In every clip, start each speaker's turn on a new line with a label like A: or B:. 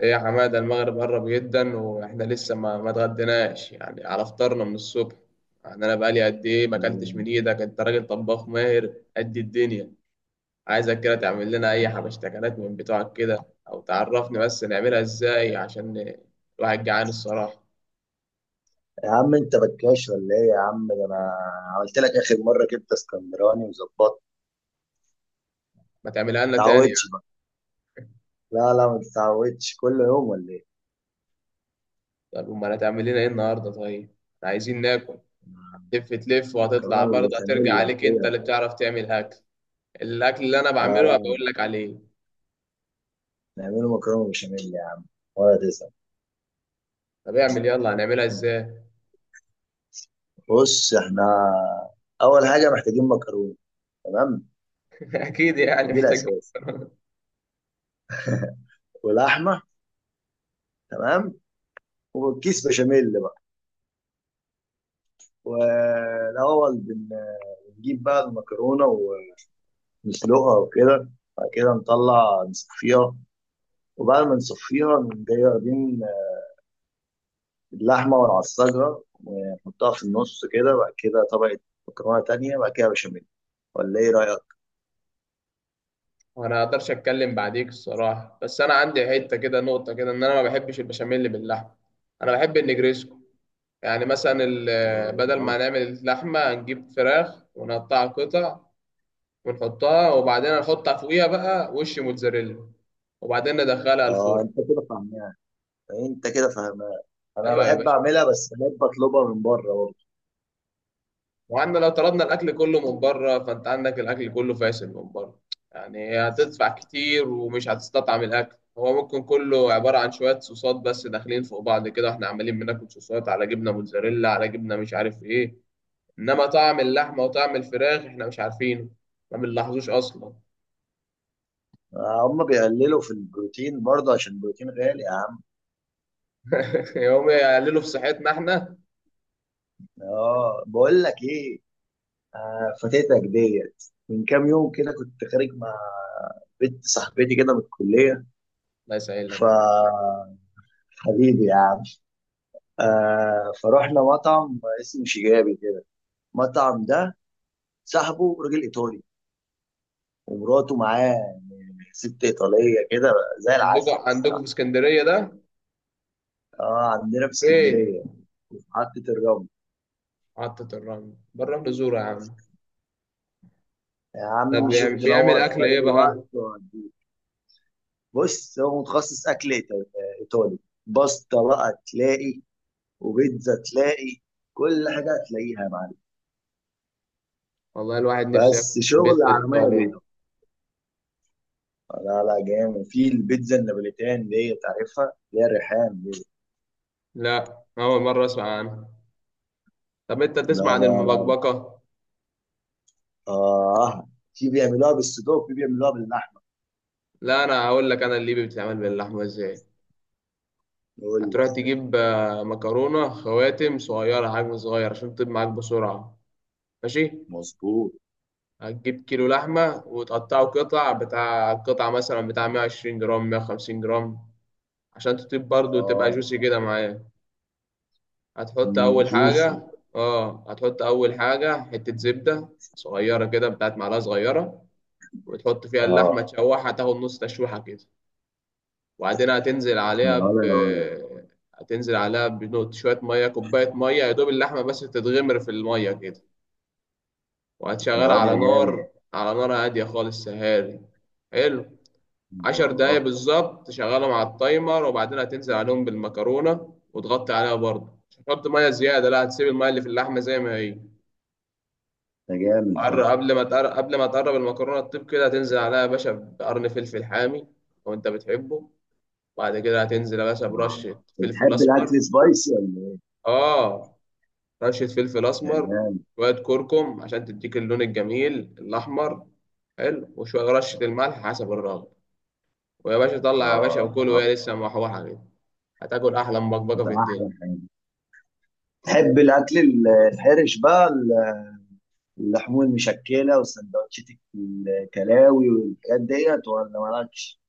A: ايه يا حماده، المغرب قرب جدا واحنا لسه ما اتغديناش يعني على فطارنا من الصبح. يعني انا بقالي قد ايه ما اكلتش من ايدك، انت راجل طباخ ماهر قد الدنيا. عايزك كده تعمل لنا اي حبشتكنات من بتوعك كده، او تعرفني بس نعملها ازاي عشان الواحد جعان الصراحه.
B: يا عم، انت بكاش ولا ايه؟ يا عم، ده انا عملت لك اخر مره كبده اسكندراني وظبطت.
A: ما تعملها لنا تاني
B: متعودش
A: يعني.
B: بقى. لا لا، ما تتعودش كل يوم ولا ايه؟
A: طب امال هتعمل لنا ايه النهارده؟ طيب، احنا عايزين ناكل. تلف تلف وهتطلع
B: مكرونه
A: برضه هترجع
B: بالبشاميل
A: عليك، انت
B: كده.
A: اللي بتعرف تعمل اكل. الاكل اللي انا
B: لا
A: بعمله
B: لا،
A: بقول لك عليه.
B: نعمله مكرونه بالبشاميل يا عم، ولا تزعل.
A: طب اعمل، يلا هنعملها ازاي؟
B: بص، احنا اول حاجه محتاجين مكرونه. تمام.
A: اكيد يعني
B: دي
A: محتاج.
B: الاساس، ولحمه. تمام. وكيس بشاميل بقى. والاول بنجيب بقى المكرونه ونسلقها وكده. بعد كده نطلع نصفيها، وبعد ما نصفيها نقوم جاي واخدين اللحمة ونعصجها ونحطها في النص كده، بعد كده طبقة مكرونة تانية، بعد كده بشاميل. ولا ايه رأيك؟
A: وانا ما اقدرش اتكلم بعديك الصراحه، بس انا عندي حته كده نقطه كده، ان انا ما بحبش البشاميل باللحمه. انا بحب النجريسكو. يعني مثلا بدل
B: اه.
A: ما نعمل اللحمه نجيب فراخ ونقطعها قطع، ونحطها وبعدين نحط فوقيها بقى وش موتزاريلا، وبعدين ندخلها
B: آه،
A: الفرن.
B: انت كده فاهمها. انت كده فاهمها. انا
A: ايوه يا
B: بحب
A: باشا.
B: اعملها، بس بحب اطلبها من بره برضه.
A: وعندنا لو طلبنا الاكل كله من بره، فانت عندك الاكل كله فاشل من بره. يعني هتدفع كتير ومش هتستطعم الاكل، هو ممكن كله عباره عن شويه صوصات بس داخلين فوق بعض كده، واحنا عمالين بناكل صوصات على جبنه موتزاريلا على جبنه مش عارف ايه. انما طعم اللحمه وطعم الفراخ احنا مش عارفينه، ما بنلاحظوش اصلا.
B: آه، هم بيقللوا في البروتين برضه عشان البروتين غالي يا عم.
A: يوم يقللوا في صحتنا احنا.
B: اه، بقول لك ايه؟ آه، فاتتك ديت من كام يوم كده، كنت خارج مع بنت صاحبتي كده من الكلية.
A: لا يسهل
B: ف
A: لك يعني.
B: حبيبي يا عم. آه، فروحنا مطعم اسمه شيجابي كده. المطعم ده صاحبه راجل ايطالي، ومراته معاه ست ايطاليه كده، زي
A: عندكم
B: العسل
A: عندكم في
B: الصراحه.
A: اسكندريه ده؟
B: اه، عندنا في
A: فين؟
B: اسكندريه. في محطه الرمل.
A: محطه الرمل؟ بره الرمل زوره يا عم.
B: يا
A: ده
B: عم، شوف
A: بيعمل
B: تنور في
A: اكل ايه
B: اي وقت
A: بقى؟
B: وهديك. بص، هو متخصص اكل ايطالي. باستا بقى تلاقي، وبيتزا تلاقي، كل حاجه هتلاقيها يا معلم.
A: والله الواحد نفسه ياكل
B: بس شغل
A: بيتزا
B: على ميه
A: الإيطالي دي.
B: بيضاء. لا لا، جامد في البيتزا النابوليتان دي، تعرفها؟ اللي هي الريحان.
A: لا، أول مرة أسمع عنها. طب أنت
B: لا
A: تسمع عن
B: لا لا.
A: المبكبكة؟
B: آه، في بيعملوها بالصدوق وفي بيعملوها باللحم.
A: لا، أنا هقول لك أنا الليبي بتتعمل باللحمة إزاي.
B: قول لي يا
A: هتروح
B: أخويا.
A: تجيب مكرونة خواتم صغيرة، حجم صغير عشان تطيب معاك بسرعة. ماشي.
B: مظبوط.
A: هتجيب كيلو لحمة وتقطعه قطع، بتاع قطعة مثلا بتاع 120 جرام 150 جرام، عشان تطيب برضه وتبقى
B: آه،
A: جوسي كده معايا. هتحط أول
B: جوسي.
A: حاجة. اه، هتحط أول حاجة حتة زبدة صغيرة كده، بتاعت معلقة صغيرة، وتحط فيها اللحمة
B: آه.
A: تشوحها تاخد نص تشويحة كده. وبعدين هتنزل عليها
B: يا ولا يا ولا.
A: هتنزل عليها بنقط شوية مية، كوباية مية يا دوب اللحمة بس تتغمر في المية كده.
B: يا
A: وهتشغلها
B: واد
A: على
B: يا جامد.
A: نار، على نار هادية خالص سهاري. حلو. 10 دقايق
B: آه.
A: بالظبط، تشغلهم على التايمر وبعدين هتنزل عليهم بالمكرونة، وتغطي عليها برضه، مش هتحط مية زيادة، لا هتسيب المية اللي في اللحمة زي ما هي.
B: ده جامد ده.
A: قبل ما تقرب المكرونة تطيب كده، هتنزل عليها يا باشا بقرن فلفل حامي لو انت بتحبه. بعد كده هتنزل يا باشا
B: آه،
A: برشة فلفل
B: بتحب
A: أسمر.
B: الأكل سبايسي ولا؟
A: آه، رشة فلفل
B: إيه؟ يا
A: أسمر.
B: جامد.
A: شوية كركم عشان تديك اللون الجميل الأحمر. حلو. وشوية رشة الملح حسب الرغبة. ويا باشا طلع يا باشا
B: آه،
A: وكل
B: آه،
A: وهي لسه محوحة كده، هتاكل أحلى مبكبكة
B: ده
A: في
B: أحلى
A: الدنيا.
B: حاجة. تحب الأكل الحرش بقى اللحوم المشكلة والسندوتشات، الكلاوي والحاجات ديت، ولا مالكش؟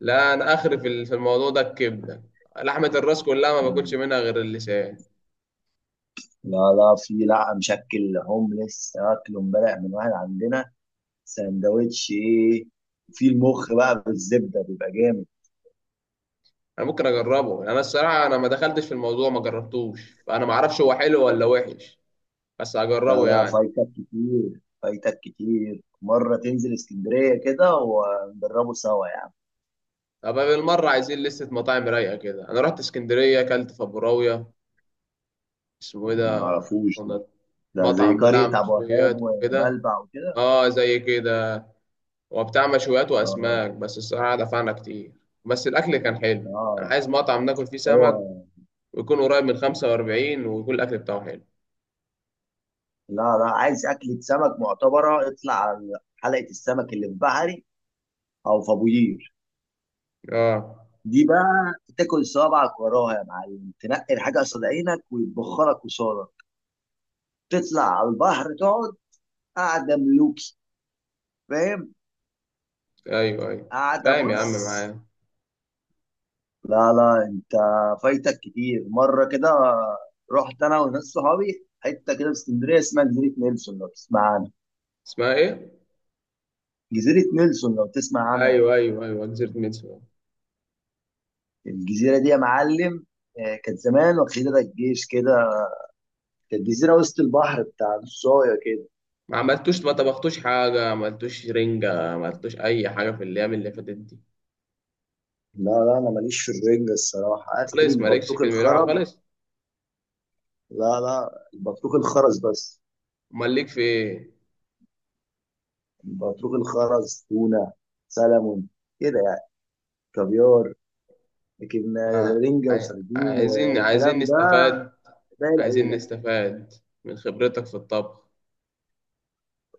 A: لا، أنا آخر في في الموضوع ده الكبدة، لحمة الراس كلها ما باكلش منها غير اللسان.
B: لا لا، في لا مشكل، هومليس اكله امبارح من واحد عندنا. سندوتش ايه؟ في المخ بقى بالزبده، بيبقى جامد.
A: أنا ممكن أجربه، أنا الصراحة أنا ما دخلتش في الموضوع، ما جربتوش، فأنا ما أعرفش هو حلو ولا وحش. بس
B: لا
A: هجربه
B: لا،
A: يعني.
B: فايتك كتير، فايتك كتير مره، تنزل اسكندريه كده ونجربه سوا يا عم.
A: طب بالمرة عايزين لستة مطاعم رايقة كده. أنا رحت اسكندرية أكلت فبراوية، اسمه إيه
B: ما
A: ده
B: اعرفوش ده.
A: كنا؟
B: ده زي
A: مطعم بتاع
B: قريه ابو وهاب
A: مشويات وكده.
B: وبلبع وكده.
A: آه زي كده، وبتاع مشويات
B: اه،
A: وأسماك، بس الصراحة دفعنا كتير، بس الأكل كان حلو. أنا
B: اه،
A: عايز مطعم ناكل فيه
B: هو.
A: سمك، ويكون قريب من 45، ويكون الأكل بتاعه حلو.
B: لا لا، عايز اكله سمك معتبره، اطلع على حلقه السمك اللي في بحري، او في ابو قير.
A: آه،
B: دي بقى، تاكل صوابعك وراها يا معلم، تنقي الحاجه قصاد عينك ويتبخرك قصادك. تطلع على البحر تقعد. قاعده ملوكي. فاهم؟
A: أيوه أيوه.
B: قاعده،
A: فاهم يا عم
B: بص.
A: معايا.
B: لا لا، انت فايتك كتير مره كده. رحت انا وناس صحابي حته كده في اسكندريه، اسمها جزيره نيلسون، لو تسمع عنها.
A: اسمها إيه؟
B: جزيره نيلسون، لو تسمع عنها.
A: أيوه أيوه أيوه، جزيرة ميتسو.
B: الجزيره دي يا معلم، آه، كانت زمان واخدها الجيش كده، كانت جزيره وسط البحر بتاع نصايه كده.
A: ما عملتوش ما طبختوش حاجة، ما عملتوش رنجة، ما عملتوش أي حاجة في الأيام اللي فاتت دي.
B: لا لا، انا ماليش في الرنجة الصراحة، اخري
A: خالص مالكش
B: البطروخ
A: في الملاحة
B: الخرز.
A: خالص.
B: لا لا، البطروخ الخرز بس.
A: امال ليك في ايه؟
B: البطروخ الخرز، تونة، سلمون، كده يعني، كافيار، لكن
A: ما-
B: رنجة
A: عاي-
B: وسردين
A: عايزين عايزين
B: والكلام ده
A: نستفاد،
B: باقي
A: عايزين
B: العيلة.
A: نستفاد من خبرتك في الطبخ،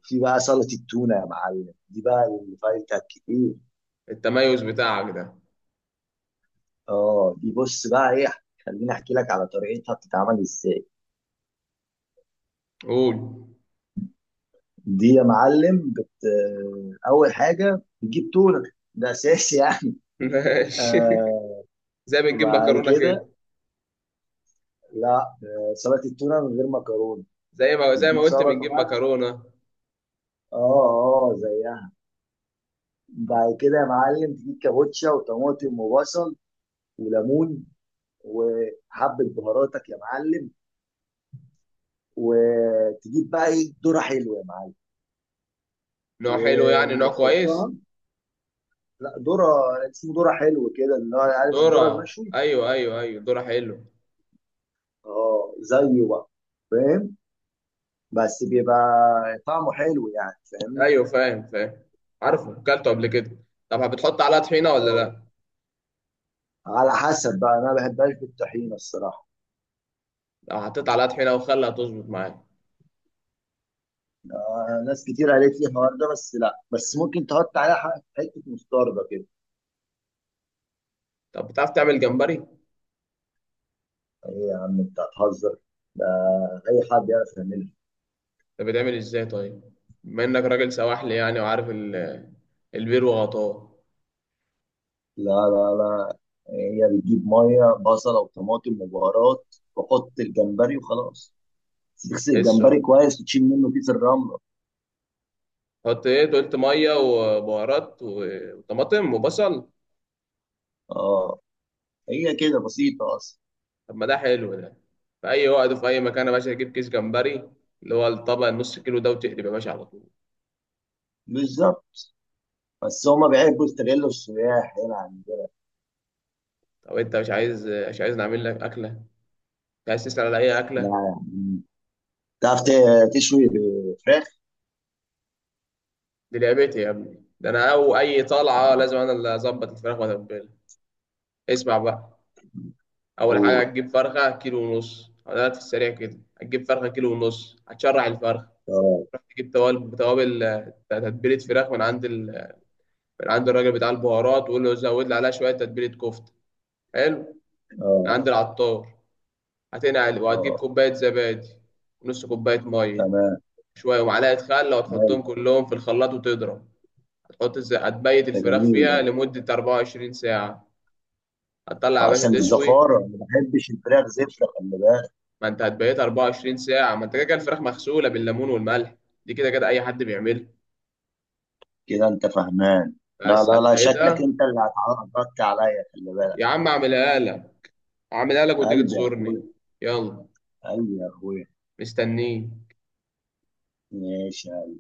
B: في بقى سلطة التونة يا معلم، دي بقى اللي فايتها كتير.
A: التميز بتاعك ده.
B: اه، دي بص بقى ايه، خليني احكي لك على طريقتها بتتعمل ازاي.
A: قول.
B: دي يا معلم اول حاجة بتجيب تونة، ده اساسي يعني.
A: ماشي،
B: آه،
A: زي ما بنجيب
B: وبعد
A: مكرونة
B: كده،
A: كده.
B: لا، آه، سلطه التونه من غير مكرونه.
A: زي ما زي
B: بتجيب
A: ما قلت
B: سلطه
A: بنجيب
B: بقى،
A: مكرونة.
B: اه، اه زيها. بعد كده يا معلم تجيب كابوتشا وطماطم وبصل وليمون وحبه بهاراتك يا معلم، وتجيب بقى، ايه، ذره حلوه يا معلم
A: نوع حلو يعني، نوع كويس.
B: وتحطها. لا، ذره. اسمه ذره حلو كده، اللي هو عارف الذره
A: دورة،
B: المشوي.
A: ايوه ايوه ايوه، دورة حلو.
B: اه زيه بقى، فاهم؟ بس بيبقى طعمه حلو يعني، فاهمني؟
A: ايوه، فاهم فاهم. عارفه كلته قبل كده. طب بتحط عليها طحينة ولا
B: اه،
A: لا؟
B: على حسب بقى، انا ما بحبهاش بالطحينه الصراحه.
A: لو حطيت عليها طحينة وخلها تظبط معاك.
B: آه، ناس كتير قالت لي الحوار ده، بس لا، بس ممكن تحط عليها حته مستردة كده.
A: طب بتعرف تعمل جمبري؟
B: ايه يا عم، انت هتهزر؟ ده اي حد يعرف يعملها.
A: ده بيتعمل ازاي طيب؟ بما انك راجل سواحلي يعني وعارف البير وغطاه.
B: لا لا لا. هي بتجيب ميه، بصله، وطماطم، وبهارات، وحط الجمبري وخلاص. تغسل
A: ايه
B: الجمبري
A: السرعه؟
B: كويس وتشيل منه كيس الرمله.
A: حط ايه؟ أنت قلت ميه وبهارات وطماطم وبصل.
B: اه، هي كده بسيطه اصلا.
A: طب ما ده حلو ده، في اي وقت وفي اي مكان يا باشا تجيب كيس جمبري، اللي هو الطبق النص كيلو ده، وتقلب يا باشا على طول.
B: بالظبط. بس هما بيحبوا يستغلوا السياح هنا عندنا.
A: طب انت مش عايز نعمل لك اكله؟ مش عايز تسال على اي
B: لا
A: اكله؟
B: يعني. تعرف تشوي فراخ؟
A: دي لعبتي يا ابني، ده انا او اي طلعه لازم انا اللي اظبط الفراخ واتبلها. اسمع بقى، اول حاجه
B: أوه.
A: هتجيب فرخه كيلو ونص، ده في السريع كده، هتجيب فرخه كيلو ونص، هتشرع الفرخه.
B: اه،
A: تروح تجيب توابل توابل آه، تتبيله فراخ من عند من عند الراجل بتاع البهارات، وقول له زود لي عليها شويه تتبيله كفته. حلو. من
B: اه،
A: عند العطار. هتنقل وهتجيب
B: اه.
A: كوبايه زبادي ونص كوبايه ميه،
B: تمام.
A: شويه ومعلقه خل،
B: حلو.
A: وتحطهم كلهم في الخلاط وتضرب. هتبيت
B: ده
A: الفراخ
B: جميل ده.
A: فيها لمده 24 ساعه. هتطلع يا
B: آه،
A: باشا
B: عشان
A: تشوي.
B: الزفاره، ما بحبش الفراخ زفره، خلي بالك.
A: ما انت هتبيت 24 ساعة، ما انت كده كده الفراخ مغسولة بالليمون والملح، دي كده كده أي حد بيعملها،
B: كده انت فهمان. لا
A: بس
B: لا لا، شكلك
A: هتبيتها.
B: انت اللي هتعرضت عليا، خلي بالك.
A: يا عم أعملها لك، أعملها لك وتيجي
B: قلبي يا
A: تزورني.
B: اخويا.
A: يلا،
B: قلبي يا اخويا.
A: مستنيك.
B: ماشي.